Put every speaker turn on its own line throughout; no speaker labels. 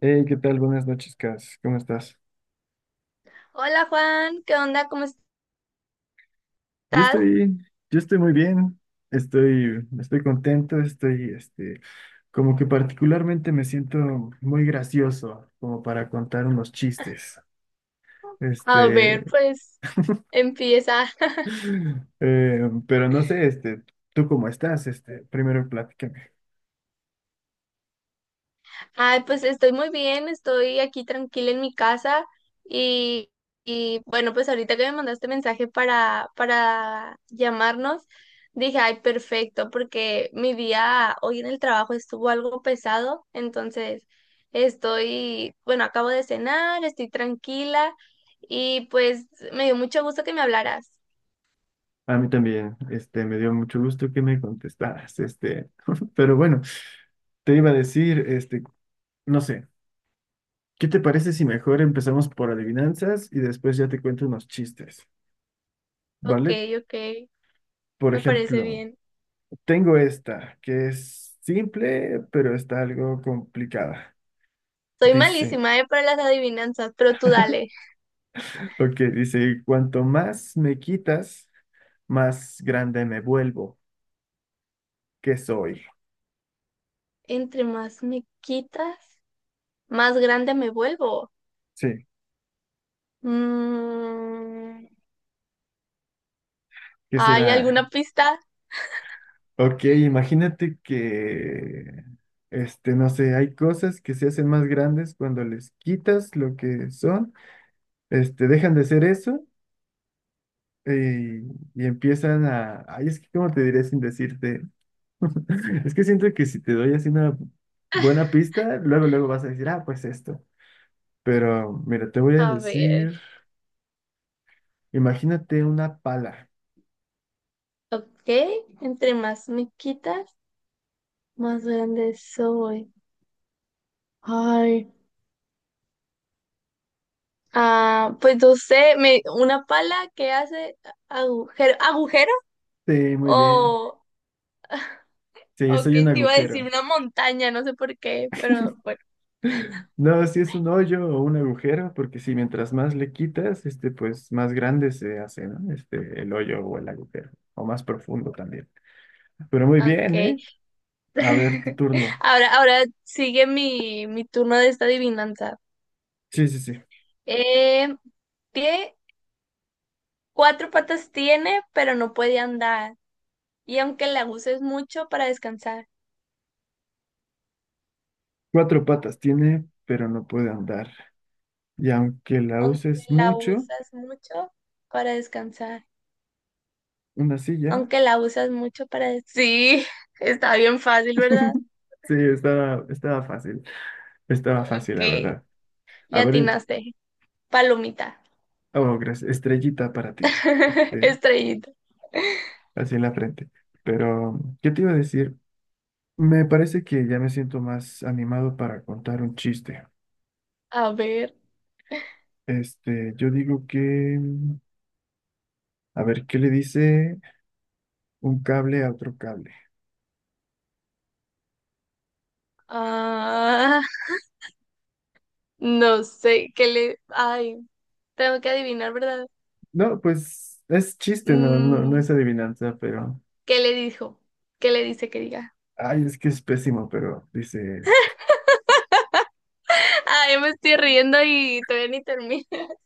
Hey, ¿qué tal? Buenas noches, Cas. ¿Cómo estás?
Hola Juan, ¿qué onda? ¿Cómo
Yo
estás?
estoy, yo estoy muy bien. Estoy contento. Estoy, como que particularmente me siento muy gracioso, como para contar unos chistes.
A ver,
Este,
pues empieza.
pero no sé, ¿tú cómo estás? Primero platícame.
Ay, pues estoy muy bien, estoy aquí tranquila en mi casa y, bueno, pues ahorita que me mandaste mensaje para llamarnos, dije, ay, perfecto, porque mi día hoy en el trabajo estuvo algo pesado, entonces estoy, bueno, acabo de cenar, estoy tranquila y pues me dio mucho gusto que me hablaras.
A mí también, me dio mucho gusto que me contestaras, pero bueno, te iba a decir, no sé. ¿Qué te parece si mejor empezamos por adivinanzas y después ya te cuento unos chistes?
Ok,
¿Vale?
ok,
Por
me parece
ejemplo,
bien.
tengo esta, que es simple, pero está algo complicada.
Soy
Dice,
malísima, para las adivinanzas, pero tú dale.
ok, dice, cuanto más me quitas, más grande me vuelvo. ¿Qué soy?
Entre más me quitas, más grande me vuelvo.
Sí,
Mm,
¿qué
¿Hay
será?
alguna pista?
Ok, imagínate que no sé, hay cosas que se hacen más grandes cuando les quitas lo que son, dejan de ser eso. Y, y empiezan a, ay, es que cómo te diré sin decirte, es que siento que si te doy así una buena pista, luego vas a decir, ah, pues esto, pero mira, te voy a
A ver,
decir, imagínate una pala,
ok. Entre más me quitas, más grande soy. Ay. Ah, pues no sé, me, una pala que hace agujero, agujero
sí, muy bien,
o,
sí,
o
soy
que
un
te iba a decir
agujero,
una montaña, no sé por qué, pero bueno,
no, si es un hoyo o un agujero, porque si mientras más le quitas, pues más grande se hace, ¿no? El hoyo o el agujero, o más profundo también, pero muy
ok.
bien, ¿eh? A ver, tu turno,
Ahora, ahora sigue mi turno de esta adivinanza.
sí, sí, sí.
Eh, ¿Qué cuatro patas tiene, pero no puede andar? Y aunque la uses mucho para descansar,
Cuatro patas tiene, pero no puede andar. Y aunque la
aunque
uses
la
mucho,
usas mucho para descansar,
una silla,
aunque la usas mucho para... des- Sí, está bien fácil, ¿verdad?
sí, estaba fácil. Estaba fácil,
Ok,
la verdad.
le
A ver,
atinaste. Palomita,
oh, gracias. Estrellita para ti. Este,
estrellita.
así en la frente. Pero, ¿qué te iba a decir? Me parece que ya me siento más animado para contar un chiste.
A ver,
Yo digo que, mm, a ver, ¿qué le dice un cable a otro cable?
ah, no sé, ¿qué le... Ay. Tengo que adivinar, ¿verdad?
No, pues es chiste, no, no, no
Mm,
es adivinanza, pero.
¿Qué le dijo? ¿Qué le dice que diga?
Ay, es que es pésimo, pero dice,
Ay, me estoy riendo y todavía ni termino.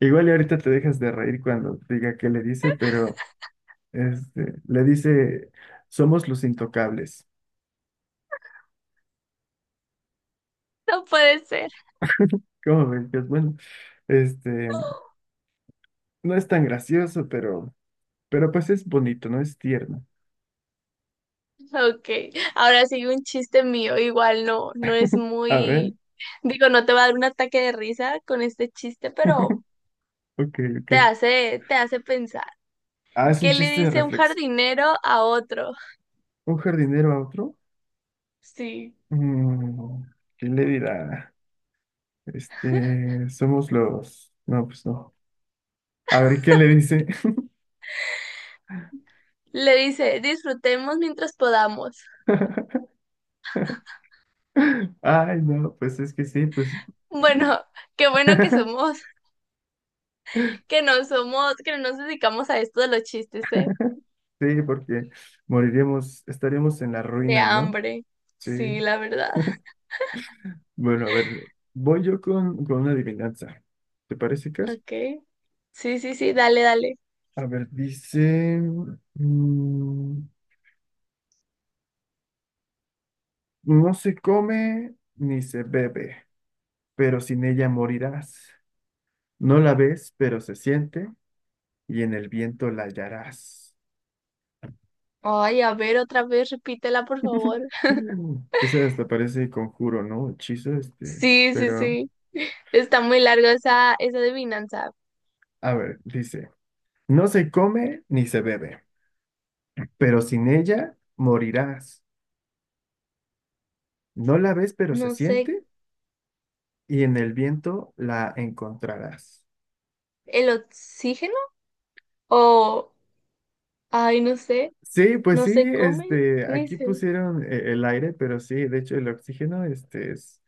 igual y ahorita te dejas de reír cuando diga qué le dice, pero le dice, somos los intocables.
No puede ser.
¿Cómo ven? Pues bueno, este, no es tan gracioso, pero pues es bonito, ¿no? Es tierno.
Ok, ahora sigue un chiste mío. Igual no, no es
A ver,
muy... Digo, no te va a dar un ataque de risa con este chiste, pero
ok, ok.
te hace pensar.
Ah, es un
¿Qué le
chiste de
dice un
reflex.
jardinero a otro?
¿Un jardinero a otro?
Sí.
Mm, ¿qué le dirá? Somos los... No, pues no. A ver, ¿qué le dice?
Le dice, disfrutemos mientras podamos.
Ay, no, pues es que sí, pues
Bueno, qué bueno que somos, que no nos dedicamos a esto de los chistes, ¿eh?
sí, porque moriríamos, estaríamos en la
De
ruina, ¿no?
hambre.
Sí.
Sí, la verdad.
Bueno, a ver, voy yo con una adivinanza. ¿Te parece, Cas?
Ok. Sí, sí, sí, dale, dale.
A ver, dice, mm, no se come ni se bebe, pero sin ella morirás. No la ves, pero se siente y en el viento la hallarás.
Ay, a ver, otra vez, repítela, por favor.
Esa hasta parece conjuro, ¿no? Hechizo,
Sí, sí,
pero,
sí. Está muy larga esa, esa adivinanza.
a ver, dice. No se come ni se bebe, pero sin ella morirás. No la ves, pero se
No sé,
siente, y en el viento la encontrarás.
¿el oxígeno? O, ay, no sé,
Sí, pues
no
sí,
se come ni
aquí
se...
pusieron el aire, pero sí, de hecho el oxígeno, este es,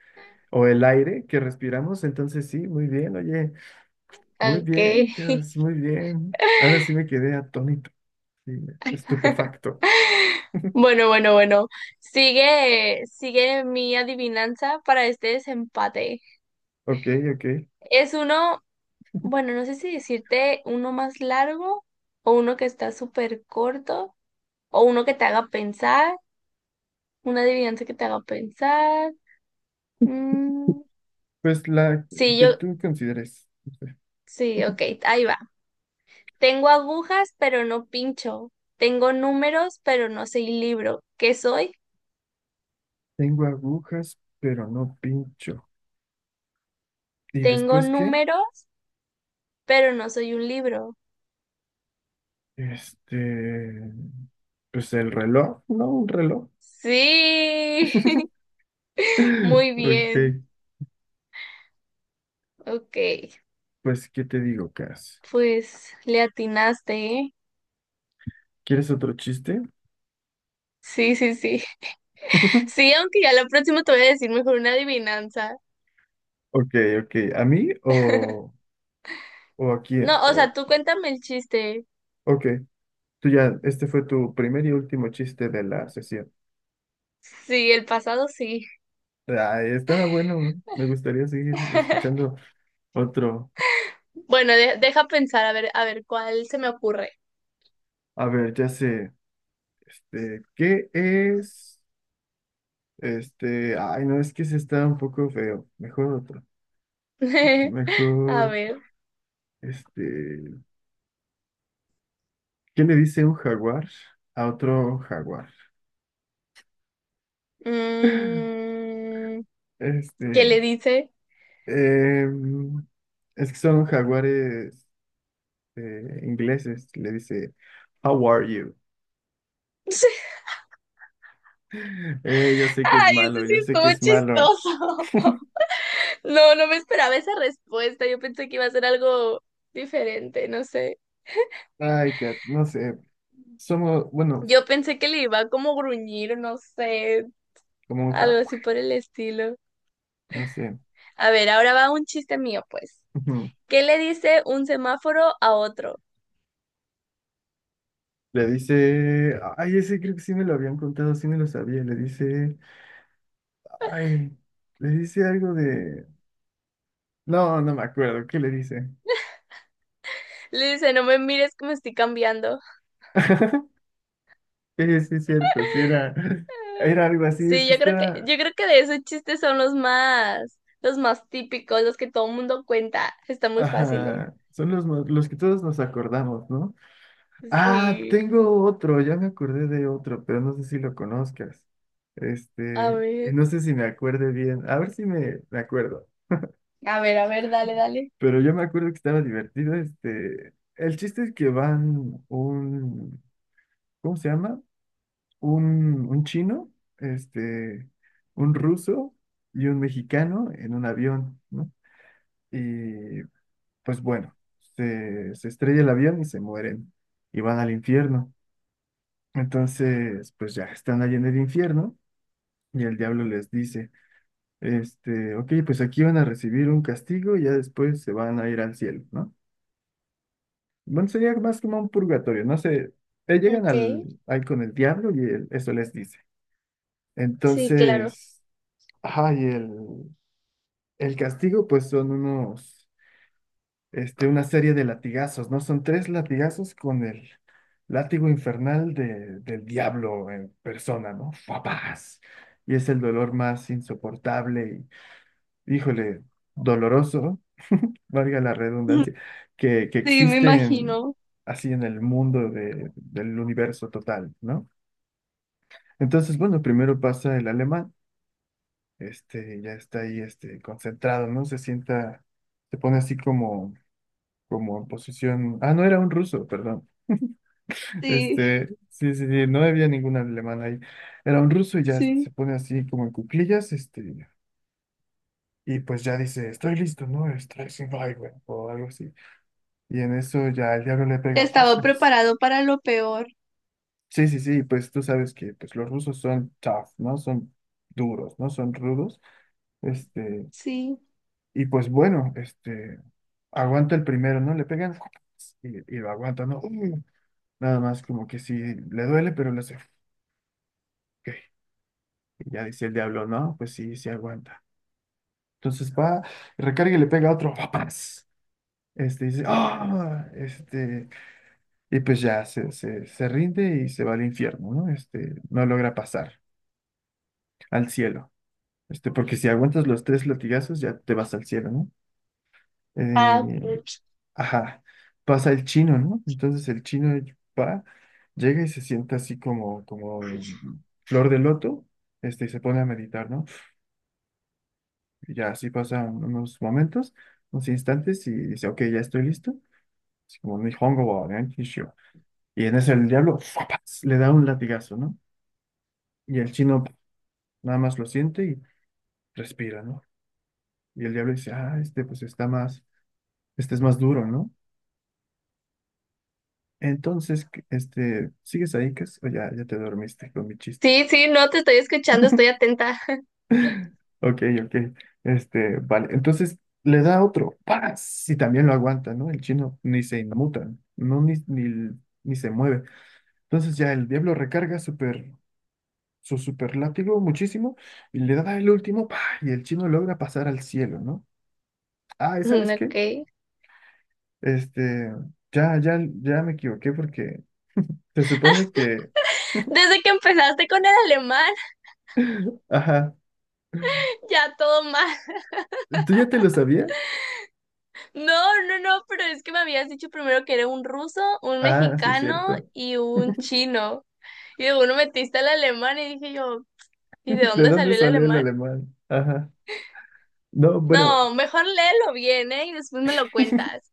o el aire que respiramos, entonces sí, muy bien, oye, muy
Ok.
bien, Cas, muy bien. Ahora sí me quedé atónito, sí, estupefacto.
Bueno, bueno, bueno. Sigue, sigue mi adivinanza para este desempate.
Ok, ok.
Es uno. Bueno, no sé si decirte uno más largo o uno que está súper corto o uno que te haga pensar, una adivinanza que te haga pensar. Mm,
Pues la
sí,
que
yo,
tú consideres.
sí, ok, ahí va. Tengo agujas, pero no pincho. Tengo números, pero no soy libro. ¿Qué soy?
Tengo agujas, pero no pincho. ¿Y
Tengo
después qué?
números, pero no soy un libro.
Este, pues el reloj, ¿no? Un reloj.
Sí, muy bien.
Ok,
Ok,
pues ¿qué te digo, Cas?
pues le atinaste, ¿eh?
¿Quieres otro chiste?
Sí, sí, sí. Sí, aunque ya la próxima te voy a decir mejor una adivinanza.
Ok, ok, ¿a mí o a quién?
No, o
O-
sea, tú cuéntame el chiste.
ok, tú ya, este fue tu primer y último chiste de la sesión.
Sí, el pasado sí.
Ah, estaba bueno, me gustaría seguir escuchando otro.
Bueno, deja pensar, a ver, ¿cuál se me ocurre?
A ver, ya sé, ¿qué es? Ay, no, es que se está un poco feo. Mejor otro.
A
Mejor.
ver.
Este, ¿Qué le dice un jaguar a otro jaguar?
mm, ¿Qué
Este,
le dice?
em, es que son jaguares ingleses. Le dice, How are you? Yo sé que es
Ay, eso
malo,
sí
yo sé que
estuvo
es malo.
chistoso. No, no me esperaba esa respuesta. Yo pensé que iba a ser algo diferente, no sé.
Ay, Kat, no sé. Somos, bueno,
Yo pensé que le iba a como gruñir, no sé,
como un
algo así
jaguar,
por el estilo.
no sé.
A ver, ahora va un chiste mío, pues.
Ujú.
¿Qué le dice un semáforo a otro?
Le dice, ay, ese creo que sí me lo habían contado, sí me lo sabía. Le dice, ay, le dice algo de, no, no me acuerdo, ¿qué le dice?
Le dice, no me mires que me estoy cambiando.
Sí, sí, es cierto, sí era, era algo así, es
Sí,
que está,
yo creo que de esos chistes son los más típicos, los que todo el mundo cuenta. Están muy fáciles.
ajá, son los, mo- los que todos nos acordamos, ¿no? Ah,
Sí.
tengo otro, ya me acordé de otro, pero no sé si lo conozcas,
A
y
ver,
no sé si me acuerde bien, a ver si me, me acuerdo,
a ver, a ver, dale, dale.
pero yo me acuerdo que estaba divertido, el chiste es que van un, ¿cómo se llama? Un chino, este, un ruso y un mexicano en un avión, ¿no? Y pues bueno, se estrella el avión y se mueren y van al infierno. Entonces, pues ya están allí en el infierno y el diablo les dice, ok, pues aquí van a recibir un castigo y ya después se van a ir al cielo, ¿no? Bueno, sería más como un purgatorio, no sé, llegan
Ok.
al, ahí con el diablo y él- eso les dice.
Sí, claro.
Entonces, ay, el castigo pues son unos... una serie de latigazos, ¿no? Son tres latigazos con el látigo infernal de- del diablo en persona, ¿no? ¡Fapaz! Y es el dolor más insoportable y, híjole, doloroso, valga la redundancia, que
Sí, me
existe en-
imagino.
así en el mundo de- del universo total, ¿no? Entonces, bueno, primero pasa el alemán, ya está ahí, concentrado, ¿no? Se sienta, se pone así como, como en posición, ah, no, era un ruso, perdón.
Sí,
Sí, sí, sí, no había ningún alemán ahí. Era un ruso y ya
sí.
se pone así como en cuclillas, y pues ya dice, estoy listo, ¿no? Estoy sin güey, o algo así. Y en eso ya el diablo le pega.
Estaba
¡Fafas!
preparado para lo peor.
Sí, sí, sí, pues tú sabes que pues, los rusos son tough, ¿no? Son duros, ¿no? Son rudos. Este,
Sí.
y pues bueno, aguanta el primero, ¿no? Le pegan ¡fafas! Y lo aguanta, ¿no? ¡Uh! Nada más como que sí, le duele, pero le hace, "Ok". Y ya dice el diablo, no, pues sí, sí aguanta. Entonces va, recarga y le pega a otro, ¡papas! Este dice, ¡ah! Y pues ya se rinde y se va al infierno, ¿no? No logra pasar al cielo. Porque si aguantas los tres latigazos, ya te vas al cielo, ¿no?
Ah, ok.
Eh, ajá, pasa el chino, ¿no? Entonces el chino va, llega y se sienta así como, como flor de loto, y se pone a meditar, ¿no? Y ya así pasan unos momentos, unos instantes, y dice, ok, ya estoy listo así como un Nihongo wa Gankisho. Y en ese el diablo ¡fuapas! Le da un latigazo, ¿no? Y el chino nada más lo siente y respira, ¿no? Y el diablo dice, ah, este pues está más, este es más duro, ¿no? Entonces, ¿qué- ¿sigues ahí, Cas? O ya, ya te dormiste con mi chiste.
Sí, sí, no te estoy escuchando, estoy atenta.
Ok, ok. Vale. Entonces le da otro. ¡Paz! Y también lo aguanta, ¿no? El chino ni se inmuta, no. No, ni, ni, ni se mueve. Entonces ya el diablo recarga súper su super muchísimo y le da el último, ¡pa! Y el chino logra pasar al cielo, ¿no? Ah, ¿y
Mm,
sabes qué?
ok.
Este, ya, ya, ya me equivoqué porque se supone que,
Desde que empezaste con el alemán,
ajá,
ya todo mal.
¿tú ya te lo sabías?
No, no, no, pero es que me habías dicho primero que era un ruso, un
Ah, sí,
mexicano
cierto.
y un chino. Y de uno metiste al alemán y dije yo, ¿y de
¿De
dónde
dónde
salió el
salió el
alemán?
alemán? Ajá. No, bueno,
No, mejor léelo bien, ¿eh? Y después me lo cuentas.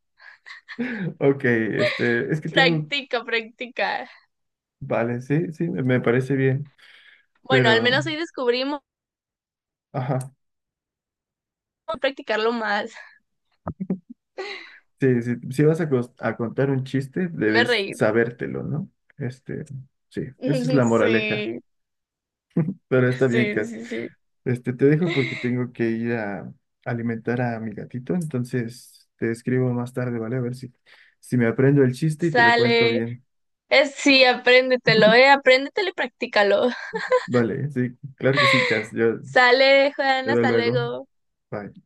ok, es que tengo,
Practica, practica.
vale, sí, sí, me parece bien,
Bueno, al menos
pero,
hoy descubrimos
ajá,
practicarlo más.
sí, sí, si vas a, cos- a contar un chiste,
Me
debes
reí.
sabértelo, ¿no? Este, sí, esa es la moraleja.
Sí,
Pero está bien,
sí,
Cas.
sí, sí.
Te dejo porque tengo que ir a alimentar a mi gatito, entonces te escribo más tarde, ¿vale? A ver si, si me aprendo el chiste y te lo cuento
Sale.
bien.
Es, sí, apréndetelo, apréndetelo y practícalo.
Vale, sí, claro que sí, Cas. Yo
Sale,
te
Juana,
veo
hasta
luego.
luego.
Bye.